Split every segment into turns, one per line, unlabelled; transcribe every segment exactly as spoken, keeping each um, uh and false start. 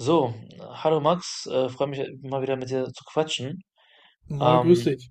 So, hallo Max, äh, freue mich mal wieder mit dir zu quatschen.
Moin, grüß
Ähm,
dich.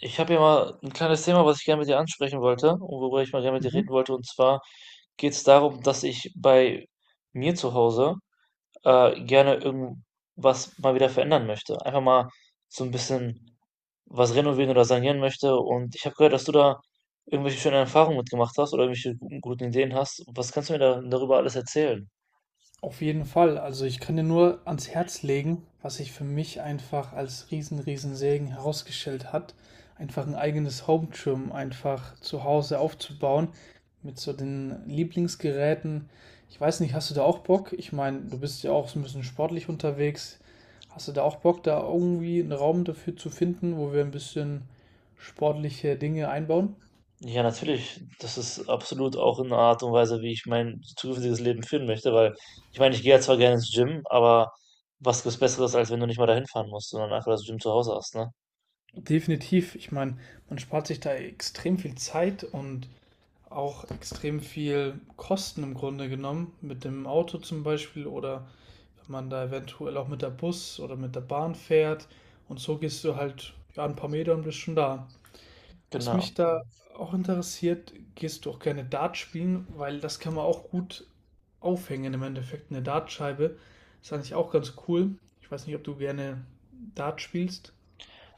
Ich habe hier mal ein kleines Thema, was ich gerne mit dir ansprechen wollte und worüber ich mal gerne mit dir
Mhm.
reden wollte. Und zwar geht es darum, dass ich bei mir zu Hause äh, gerne irgendwas mal wieder verändern möchte. Einfach mal so ein bisschen was renovieren oder sanieren möchte. Und ich habe gehört, dass du da irgendwelche schönen Erfahrungen mitgemacht hast oder irgendwelche guten, guten Ideen hast. Was kannst du mir da, darüber alles erzählen?
Auf jeden Fall. Also ich kann dir nur ans Herz legen, was sich für mich einfach als riesen, riesen Segen herausgestellt hat, einfach ein eigenes Home Gym einfach zu Hause aufzubauen mit so den Lieblingsgeräten. Ich weiß nicht, hast du da auch Bock? Ich meine, du bist ja auch so ein bisschen sportlich unterwegs. Hast du da auch Bock, da irgendwie einen Raum dafür zu finden, wo wir ein bisschen sportliche Dinge einbauen?
Ja, natürlich. Das ist absolut auch eine Art und Weise, wie ich mein zukünftiges Leben führen möchte, weil ich meine, ich gehe ja zwar gerne ins Gym, aber was gibt's Besseres, als wenn du nicht mal dahin fahren musst, sondern einfach das Gym zu Hause hast, ne?
Definitiv. Ich meine, man spart sich da extrem viel Zeit und auch extrem viel Kosten im Grunde genommen, mit dem Auto zum Beispiel oder wenn man da eventuell auch mit der Bus oder mit der Bahn fährt und so gehst du halt ja, ein paar Meter und bist schon da. Was mich
Genau.
da auch interessiert, gehst du auch gerne Dart spielen, weil das kann man auch gut aufhängen im Endeffekt, eine Dartscheibe. Ist eigentlich auch ganz cool. Ich weiß nicht, ob du gerne Dart spielst.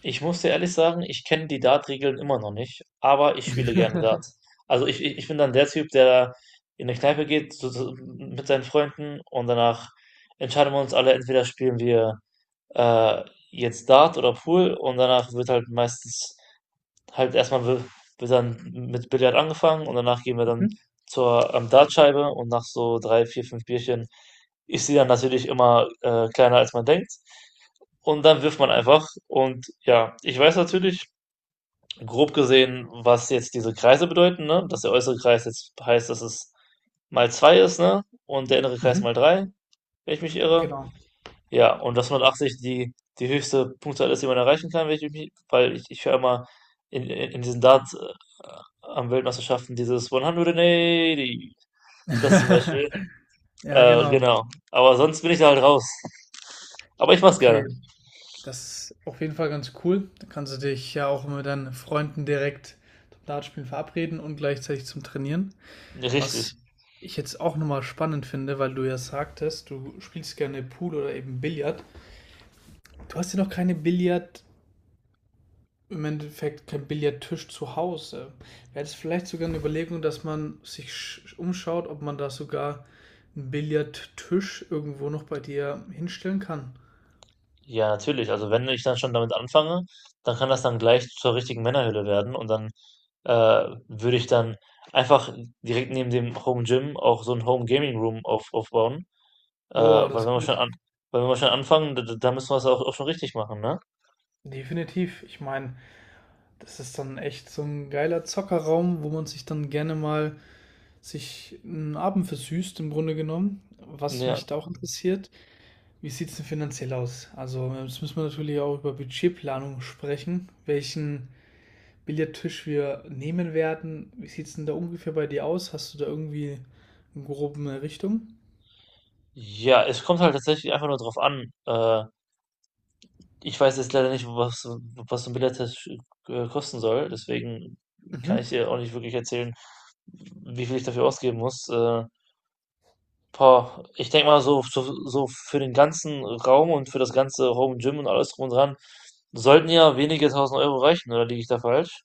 Ich muss dir ehrlich sagen, ich kenne die Dart-Regeln immer noch nicht, aber ich spiele gerne Dart. Also ich, ich ich bin dann der Typ, der in eine Kneipe geht so, so, mit seinen Freunden und danach entscheiden wir uns alle, entweder spielen wir äh, jetzt Dart oder Pool und danach wird halt meistens halt erstmal wi- wird dann mit Billard angefangen und danach gehen wir dann
Mhm.
zur ähm, Dartscheibe und nach so drei, vier, fünf Bierchen ist sie dann natürlich immer äh, kleiner als man denkt. Und dann wirft man einfach. Und ja, ich weiß natürlich, grob gesehen, was jetzt diese Kreise bedeuten, ne? Dass der äußere Kreis jetzt heißt, dass es mal zwei ist, ne? Und der innere Kreis
Mhm.
mal drei, wenn ich mich irre.
Genau.
Ja, und dass hundertachtzig die, die höchste Punktzahl ist, die man erreichen kann, wenn ich mich, weil ich, ich höre immer in, in, in diesen Darts äh, am Weltmeisterschaften dieses hundertachtzig, das zum Beispiel.
Ja,
Äh,
genau.
genau. Aber sonst bin ich da halt raus. Aber ich mach's
Okay.
gerne.
Das ist auf jeden Fall ganz cool. Da kannst du dich ja auch mit deinen Freunden direkt zum Dartspielen verabreden und gleichzeitig zum Trainieren.
Richtig.
Was ich jetzt auch nochmal spannend finde, weil du ja sagtest, du spielst gerne Pool oder eben Billard. Du hast ja noch keine Billard, im Endeffekt kein Billardtisch zu Hause. Wäre es vielleicht sogar eine Überlegung, dass man sich umschaut, ob man da sogar einen Billardtisch irgendwo noch bei dir hinstellen kann?
Ja, natürlich. Also wenn ich dann schon damit anfange, dann kann das dann gleich zur richtigen Männerhöhle werden und dann äh, würde ich dann einfach direkt neben dem Home Gym auch so ein Home Gaming Room auf, aufbauen Äh,
Boah,
weil
das
wenn
ist
wir schon
gut.
an, Weil wenn wir schon anfangen, da, da da müssen wir es auch, auch schon richtig machen, ne?
Definitiv. Ich meine, das ist dann echt so ein geiler Zockerraum, wo man sich dann gerne mal sich einen Abend versüßt, im Grunde genommen. Was mich
Ja.
da auch interessiert, wie sieht es denn finanziell aus? Also, jetzt müssen wir natürlich auch über Budgetplanung sprechen, welchen Billardtisch wir nehmen werden. Wie sieht es denn da ungefähr bei dir aus? Hast du da irgendwie eine grobe Richtung?
Ja, es kommt halt tatsächlich einfach nur drauf an. Äh, ich weiß jetzt leider nicht, was, so- was so ein Billard-Test äh, kosten soll, deswegen kann ich
Mhm.
dir auch nicht wirklich erzählen, wie viel ich dafür ausgeben muss. Äh, boah, ich denke mal, so, so, so für den ganzen Raum und für das ganze Home Gym und alles drum und dran sollten ja wenige tausend Euro reichen, oder liege ich da falsch?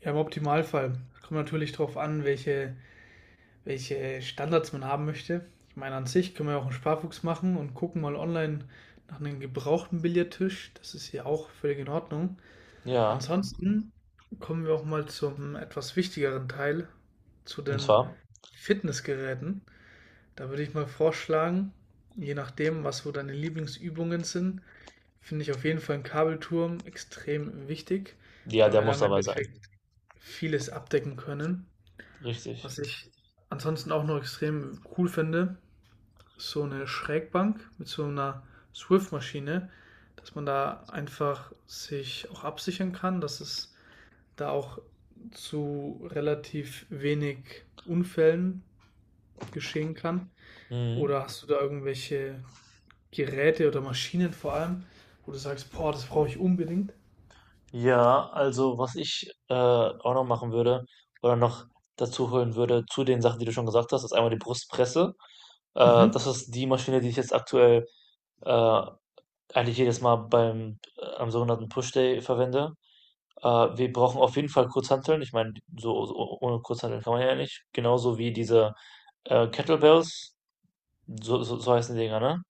Ja, im Optimalfall. Es kommt natürlich darauf an, welche welche Standards man haben möchte. Ich meine, an sich können wir auch einen Sparfuchs machen und gucken mal online nach einem gebrauchten Billardtisch. Das ist hier auch völlig in Ordnung.
Ja,
Ansonsten kommen wir auch mal zum etwas wichtigeren Teil, zu
und
den
zwar,
Fitnessgeräten. Da würde ich mal vorschlagen, je nachdem, was so deine Lieblingsübungen sind, finde ich auf jeden Fall einen Kabelturm extrem wichtig,
ja,
weil
der
wir da
muss
im
dabei sein.
Endeffekt vieles abdecken können.
Richtig.
Was ich ansonsten auch noch extrem cool finde, ist so eine Schrägbank mit so einer Swift-Maschine, dass man da einfach sich auch absichern kann, dass es da auch zu relativ wenig Unfällen geschehen kann.
Mhm.
Oder hast du da irgendwelche Geräte oder Maschinen vor allem, wo du sagst, boah, das brauche ich unbedingt?
Ja, also was ich äh, auch noch machen würde oder noch dazu holen würde zu den Sachen, die du schon gesagt hast, ist einmal die Brustpresse. Äh, Das
Mhm.
ist die Maschine, die ich jetzt aktuell äh, eigentlich jedes Mal beim äh, am sogenannten Push-Day verwende. Äh, Wir brauchen auf jeden Fall Kurzhanteln. Ich meine, so, so ohne Kurzhanteln kann man ja nicht. Genauso wie diese äh, Kettlebells, so, so, so heißen die Dinger, ne?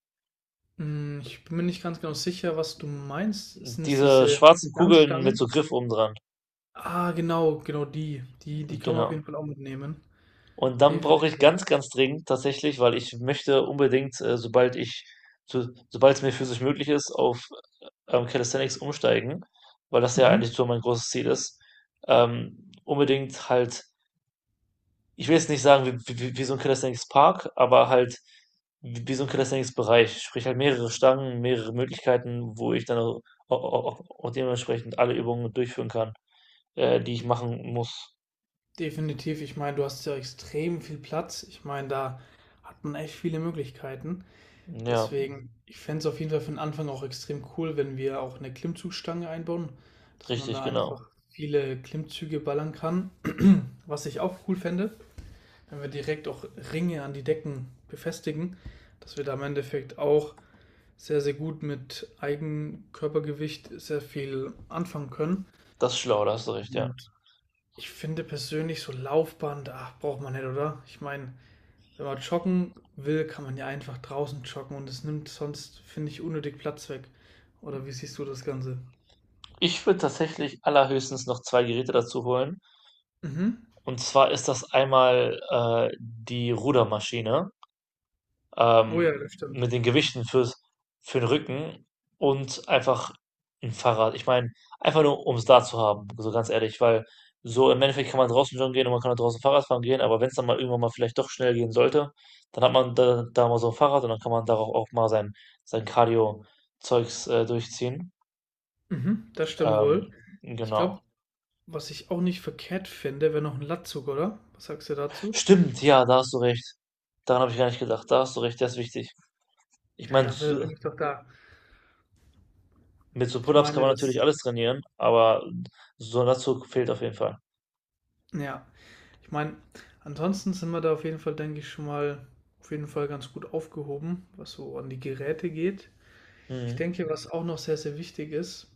Hm, ich bin mir nicht ganz genau sicher, was du meinst. Sind es
Diese
diese
schwarzen Kugeln mit so
Langstangen?
Griff oben dran.
Ah, genau, genau die. Die die kann man auf
Genau.
jeden Fall auch mitnehmen.
Und dann brauche ich
Definitiv.
ganz, ganz dringend tatsächlich, weil ich möchte unbedingt, äh, sobald ich, so, sobald es mir physisch möglich ist, auf ähm, Calisthenics umsteigen, weil das ja
Mhm.
eigentlich so mein großes Ziel ist. Ähm, unbedingt halt, ich will jetzt nicht sagen, wie, wie, wie so ein Calisthenics Park, aber halt wie, wie so ein Calisthenics Bereich. Sprich halt mehrere Stangen, mehrere Möglichkeiten, wo ich dann auch, auch, auch dementsprechend alle Übungen durchführen kann, äh, die ich machen muss.
Definitiv. Ich meine, du hast ja extrem viel Platz. Ich meine, da hat man echt viele Möglichkeiten.
Ja,
Deswegen, ich fände es auf jeden Fall für den Anfang auch extrem cool, wenn wir auch eine Klimmzugstange einbauen, dass man
richtig,
da
genau.
einfach viele Klimmzüge ballern kann. Was ich auch cool fände, wenn wir direkt auch Ringe an die Decken befestigen, dass wir da im Endeffekt auch sehr, sehr gut mit Eigenkörpergewicht sehr viel anfangen können.
Das ist schlau, da hast du recht, ja.
Und ich finde persönlich so Laufband, ach, braucht man nicht, oder? Ich meine, wenn man joggen will, kann man ja einfach draußen joggen und es nimmt sonst, finde ich, unnötig Platz weg. Oder wie siehst du das Ganze?
Ich würde tatsächlich allerhöchstens noch zwei Geräte dazu holen.
Mhm.
Und zwar ist das einmal, äh, die Rudermaschine,
Oh ja,
ähm,
das stimmt.
mit den Gewichten fürs für den Rücken und einfach ein Fahrrad. Ich meine, einfach nur, um's da zu haben, so ganz ehrlich, weil so im Endeffekt kann man draußen joggen gehen und man kann auch draußen Fahrrad fahren gehen, aber wenn es dann mal irgendwann mal vielleicht doch schnell gehen sollte, dann hat man da da mal so ein Fahrrad und dann kann man darauf auch mal sein sein Cardio-Zeugs, äh, durchziehen.
Mhm, das stimmt wohl.
Ähm,
Ich
genau.
glaube, was ich auch nicht verkehrt finde, wäre noch ein Latzug, oder? Was sagst du dazu?
Stimmt, ja, da hast du recht. Daran habe ich gar nicht gedacht. Da hast du recht, das ist wichtig. Ich
Ja,
meine, s-
dafür bin ich doch da.
mit so
Ich
Pull-ups kann
meine,
man natürlich
das,
alles trainieren, aber so ein Latzug fehlt auf jeden Fall.
ja, ich meine, ansonsten sind wir da auf jeden Fall, denke ich, schon mal auf jeden Fall ganz gut aufgehoben, was so an die Geräte geht. Ich
Mhm.
denke, was auch noch sehr, sehr wichtig ist,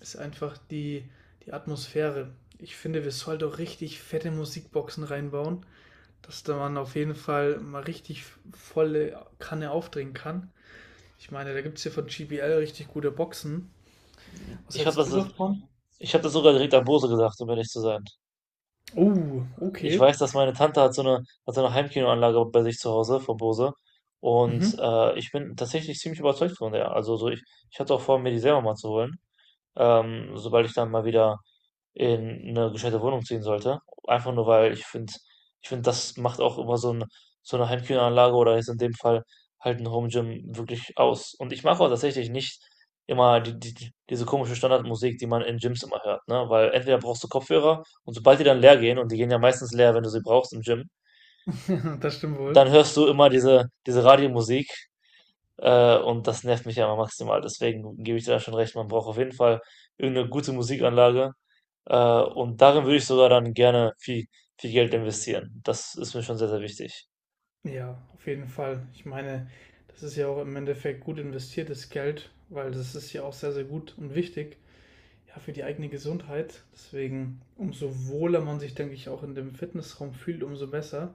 ist einfach die, die Atmosphäre. Ich finde, wir sollten auch richtig fette Musikboxen reinbauen, dass da man auf jeden Fall mal richtig volle Kanne aufdrehen kann. Ich meine, da gibt es hier von G B L richtig gute Boxen. Was
Ich habe
hältst du
das,
davon?
ich habe das sogar direkt an Bose gesagt, um ehrlich zu sein.
Oh,
Ich
okay.
weiß, dass meine Tante hat so eine, hat so eine Heimkinoanlage bei sich zu Hause von Bose.
Mhm.
Und äh, ich bin tatsächlich ziemlich überzeugt von der. Also so ich, ich hatte auch vor, mir die selber mal zu holen. Ähm, sobald ich dann mal wieder in eine gescheite Wohnung ziehen sollte. Einfach nur, weil ich finde, ich finde, das macht auch immer so ein, so eine Heimkinoanlage oder jetzt in dem Fall halt ein Home Gym wirklich aus. Und ich mache auch tatsächlich nicht immer die, die, die- diese komische Standardmusik, die man in Gyms immer hört, ne? Weil entweder brauchst du Kopfhörer und sobald die dann leer gehen, und die gehen ja meistens leer, wenn du sie brauchst im Gym,
Das stimmt wohl.
dann hörst du immer diese, diese Radiomusik. Äh, und das nervt mich ja immer maximal. Deswegen gebe ich dir da schon recht, man braucht auf jeden Fall irgendeine gute Musikanlage, äh, und darin würde ich sogar dann gerne viel, viel Geld investieren. Das ist mir schon sehr, sehr wichtig.
Ja, auf jeden Fall. Ich meine, das ist ja auch im Endeffekt gut investiertes Geld, weil das ist ja auch sehr, sehr gut und wichtig, ja, für die eigene Gesundheit. Deswegen, umso wohler man sich, denke ich, auch in dem Fitnessraum fühlt, umso besser.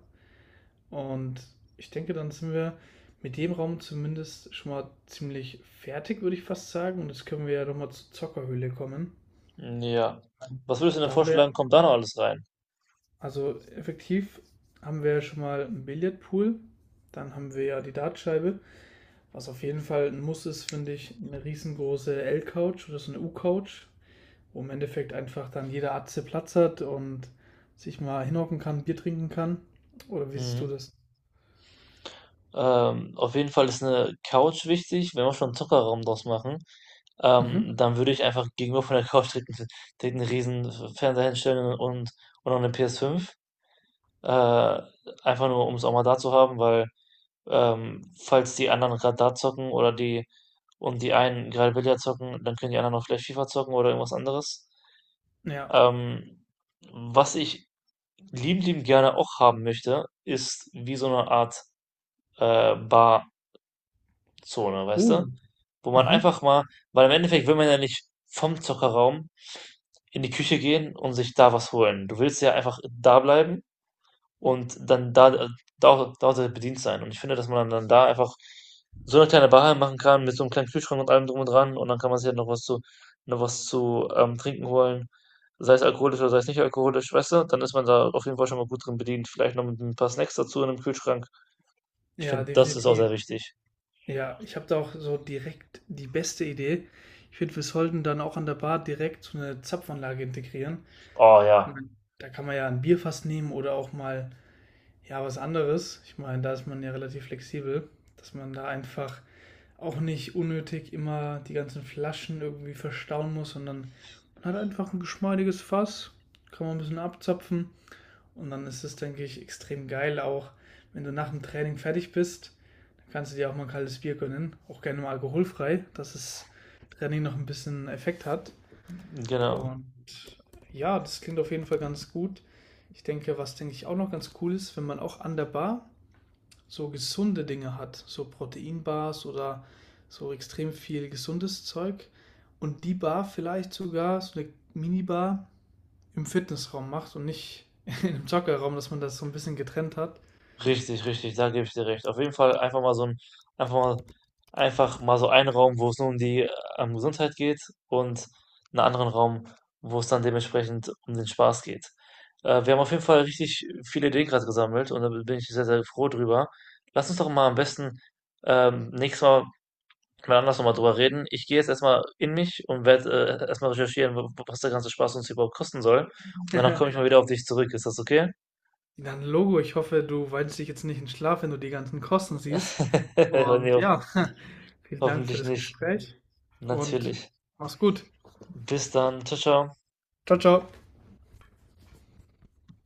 Und ich denke, dann sind wir mit dem Raum zumindest schon mal ziemlich fertig, würde ich fast sagen. Und jetzt können wir ja nochmal zur Zockerhöhle kommen.
Ja. Was würdest du denn
Da haben wir,
vorschlagen, kommt da noch alles rein?
also effektiv haben wir ja schon mal einen Billardpool, dann haben wir ja die Dartscheibe. Was auf jeden Fall ein Muss ist, finde ich, eine riesengroße L-Couch oder so eine U-Couch, wo im Endeffekt einfach dann jeder Atze Platz hat und sich mal hinhocken kann, Bier trinken kann. Oder wie siehst du
Mhm.
das?
Ähm, auf jeden Fall ist eine Couch wichtig. Wenn wir schon einen Zockerraum draus machen,
Mhm.
ähm, dann würde ich einfach gegenüber von der Couch direkt, einen- direkt einen riesen Fernseher hinstellen und, und noch eine P S fünf. Äh, Einfach nur, um es auch mal da zu haben, weil Ähm, falls die anderen gerade da zocken oder die und die einen gerade Billard zocken, dann können die anderen auch vielleicht FIFA zocken oder irgendwas anderes.
Ja.
Ähm, Was ich liebend, liebend gerne auch haben möchte, ist wie so eine Art äh, Barzone, weißt du?
Oh.
Wo man
Mhm.
einfach mal, weil im Endeffekt will man ja nicht vom Zockerraum in die Küche gehen und sich da was holen. Du willst ja einfach da bleiben und dann da, äh, da auch, da auch bedient sein. Und ich finde, dass man dann da einfach so eine kleine Bar machen kann mit so einem kleinen Kühlschrank und allem drum und dran und dann kann man sich halt noch was zu, noch was zu ähm, trinken holen, sei es alkoholisch oder sei es nicht alkoholisch, weißt du, dann ist man da auf jeden Fall schon mal gut drin bedient. Vielleicht noch mit ein paar Snacks dazu in einem Kühlschrank. Ich
Ja,
finde, das ist auch sehr
definitiv.
wichtig.
Ja, ich habe da auch so direkt die beste Idee. Ich finde, wir sollten dann auch an der Bar direkt so eine Zapfanlage integrieren.
Oh
Ich
ja,
meine, da kann man ja ein Bierfass nehmen oder auch mal ja was anderes. Ich meine, da ist man ja relativ flexibel, dass man da einfach auch nicht unnötig immer die ganzen Flaschen irgendwie verstauen muss, sondern man hat einfach ein geschmeidiges Fass, kann man ein bisschen abzapfen und dann ist es, denke ich, extrem geil auch, wenn du nach dem Training fertig bist, dann kannst du dir auch mal ein kaltes Bier gönnen, auch gerne mal alkoholfrei, dass das Training noch ein bisschen Effekt hat
genau.
und ja, das klingt auf jeden Fall ganz gut. Ich denke, was denke ich auch noch ganz cool ist, wenn man auch an der Bar so gesunde Dinge hat, so Proteinbars oder so extrem viel gesundes Zeug und die Bar vielleicht sogar so eine Minibar im Fitnessraum macht und nicht in einem Joggerraum, dass man das so ein bisschen getrennt hat.
Richtig, richtig, da gebe ich dir recht. Auf jeden Fall einfach mal so ein einfach mal einfach mal so einen Raum, wo's nur um die, äh, ähm, Gesundheit geht und einen anderen Raum, wo es dann dementsprechend um den Spaß geht. Äh, wir haben auf jeden Fall richtig viele Ideen gerade gesammelt und da bin ich sehr, sehr froh drüber. Lass uns doch mal am besten, ähm, nächstes Mal mal anders noch mal drüber reden. Ich gehe jetzt erstmal in mich und werde, äh, erst recherchieren, w was der ganze Spaß uns überhaupt kosten soll und danach komme ich mal wieder auf dich zurück. Ist das okay?
Dann Logo, ich hoffe, du weinst dich jetzt nicht in Schlaf, wenn du die ganzen Kosten siehst.
Oh ne,
Und
ho
ja, vielen Dank für
hoffentlich
das
nicht.
Gespräch und
Natürlich.
mach's gut.
Bis dann. Tschau, tschau.
Ciao, ciao.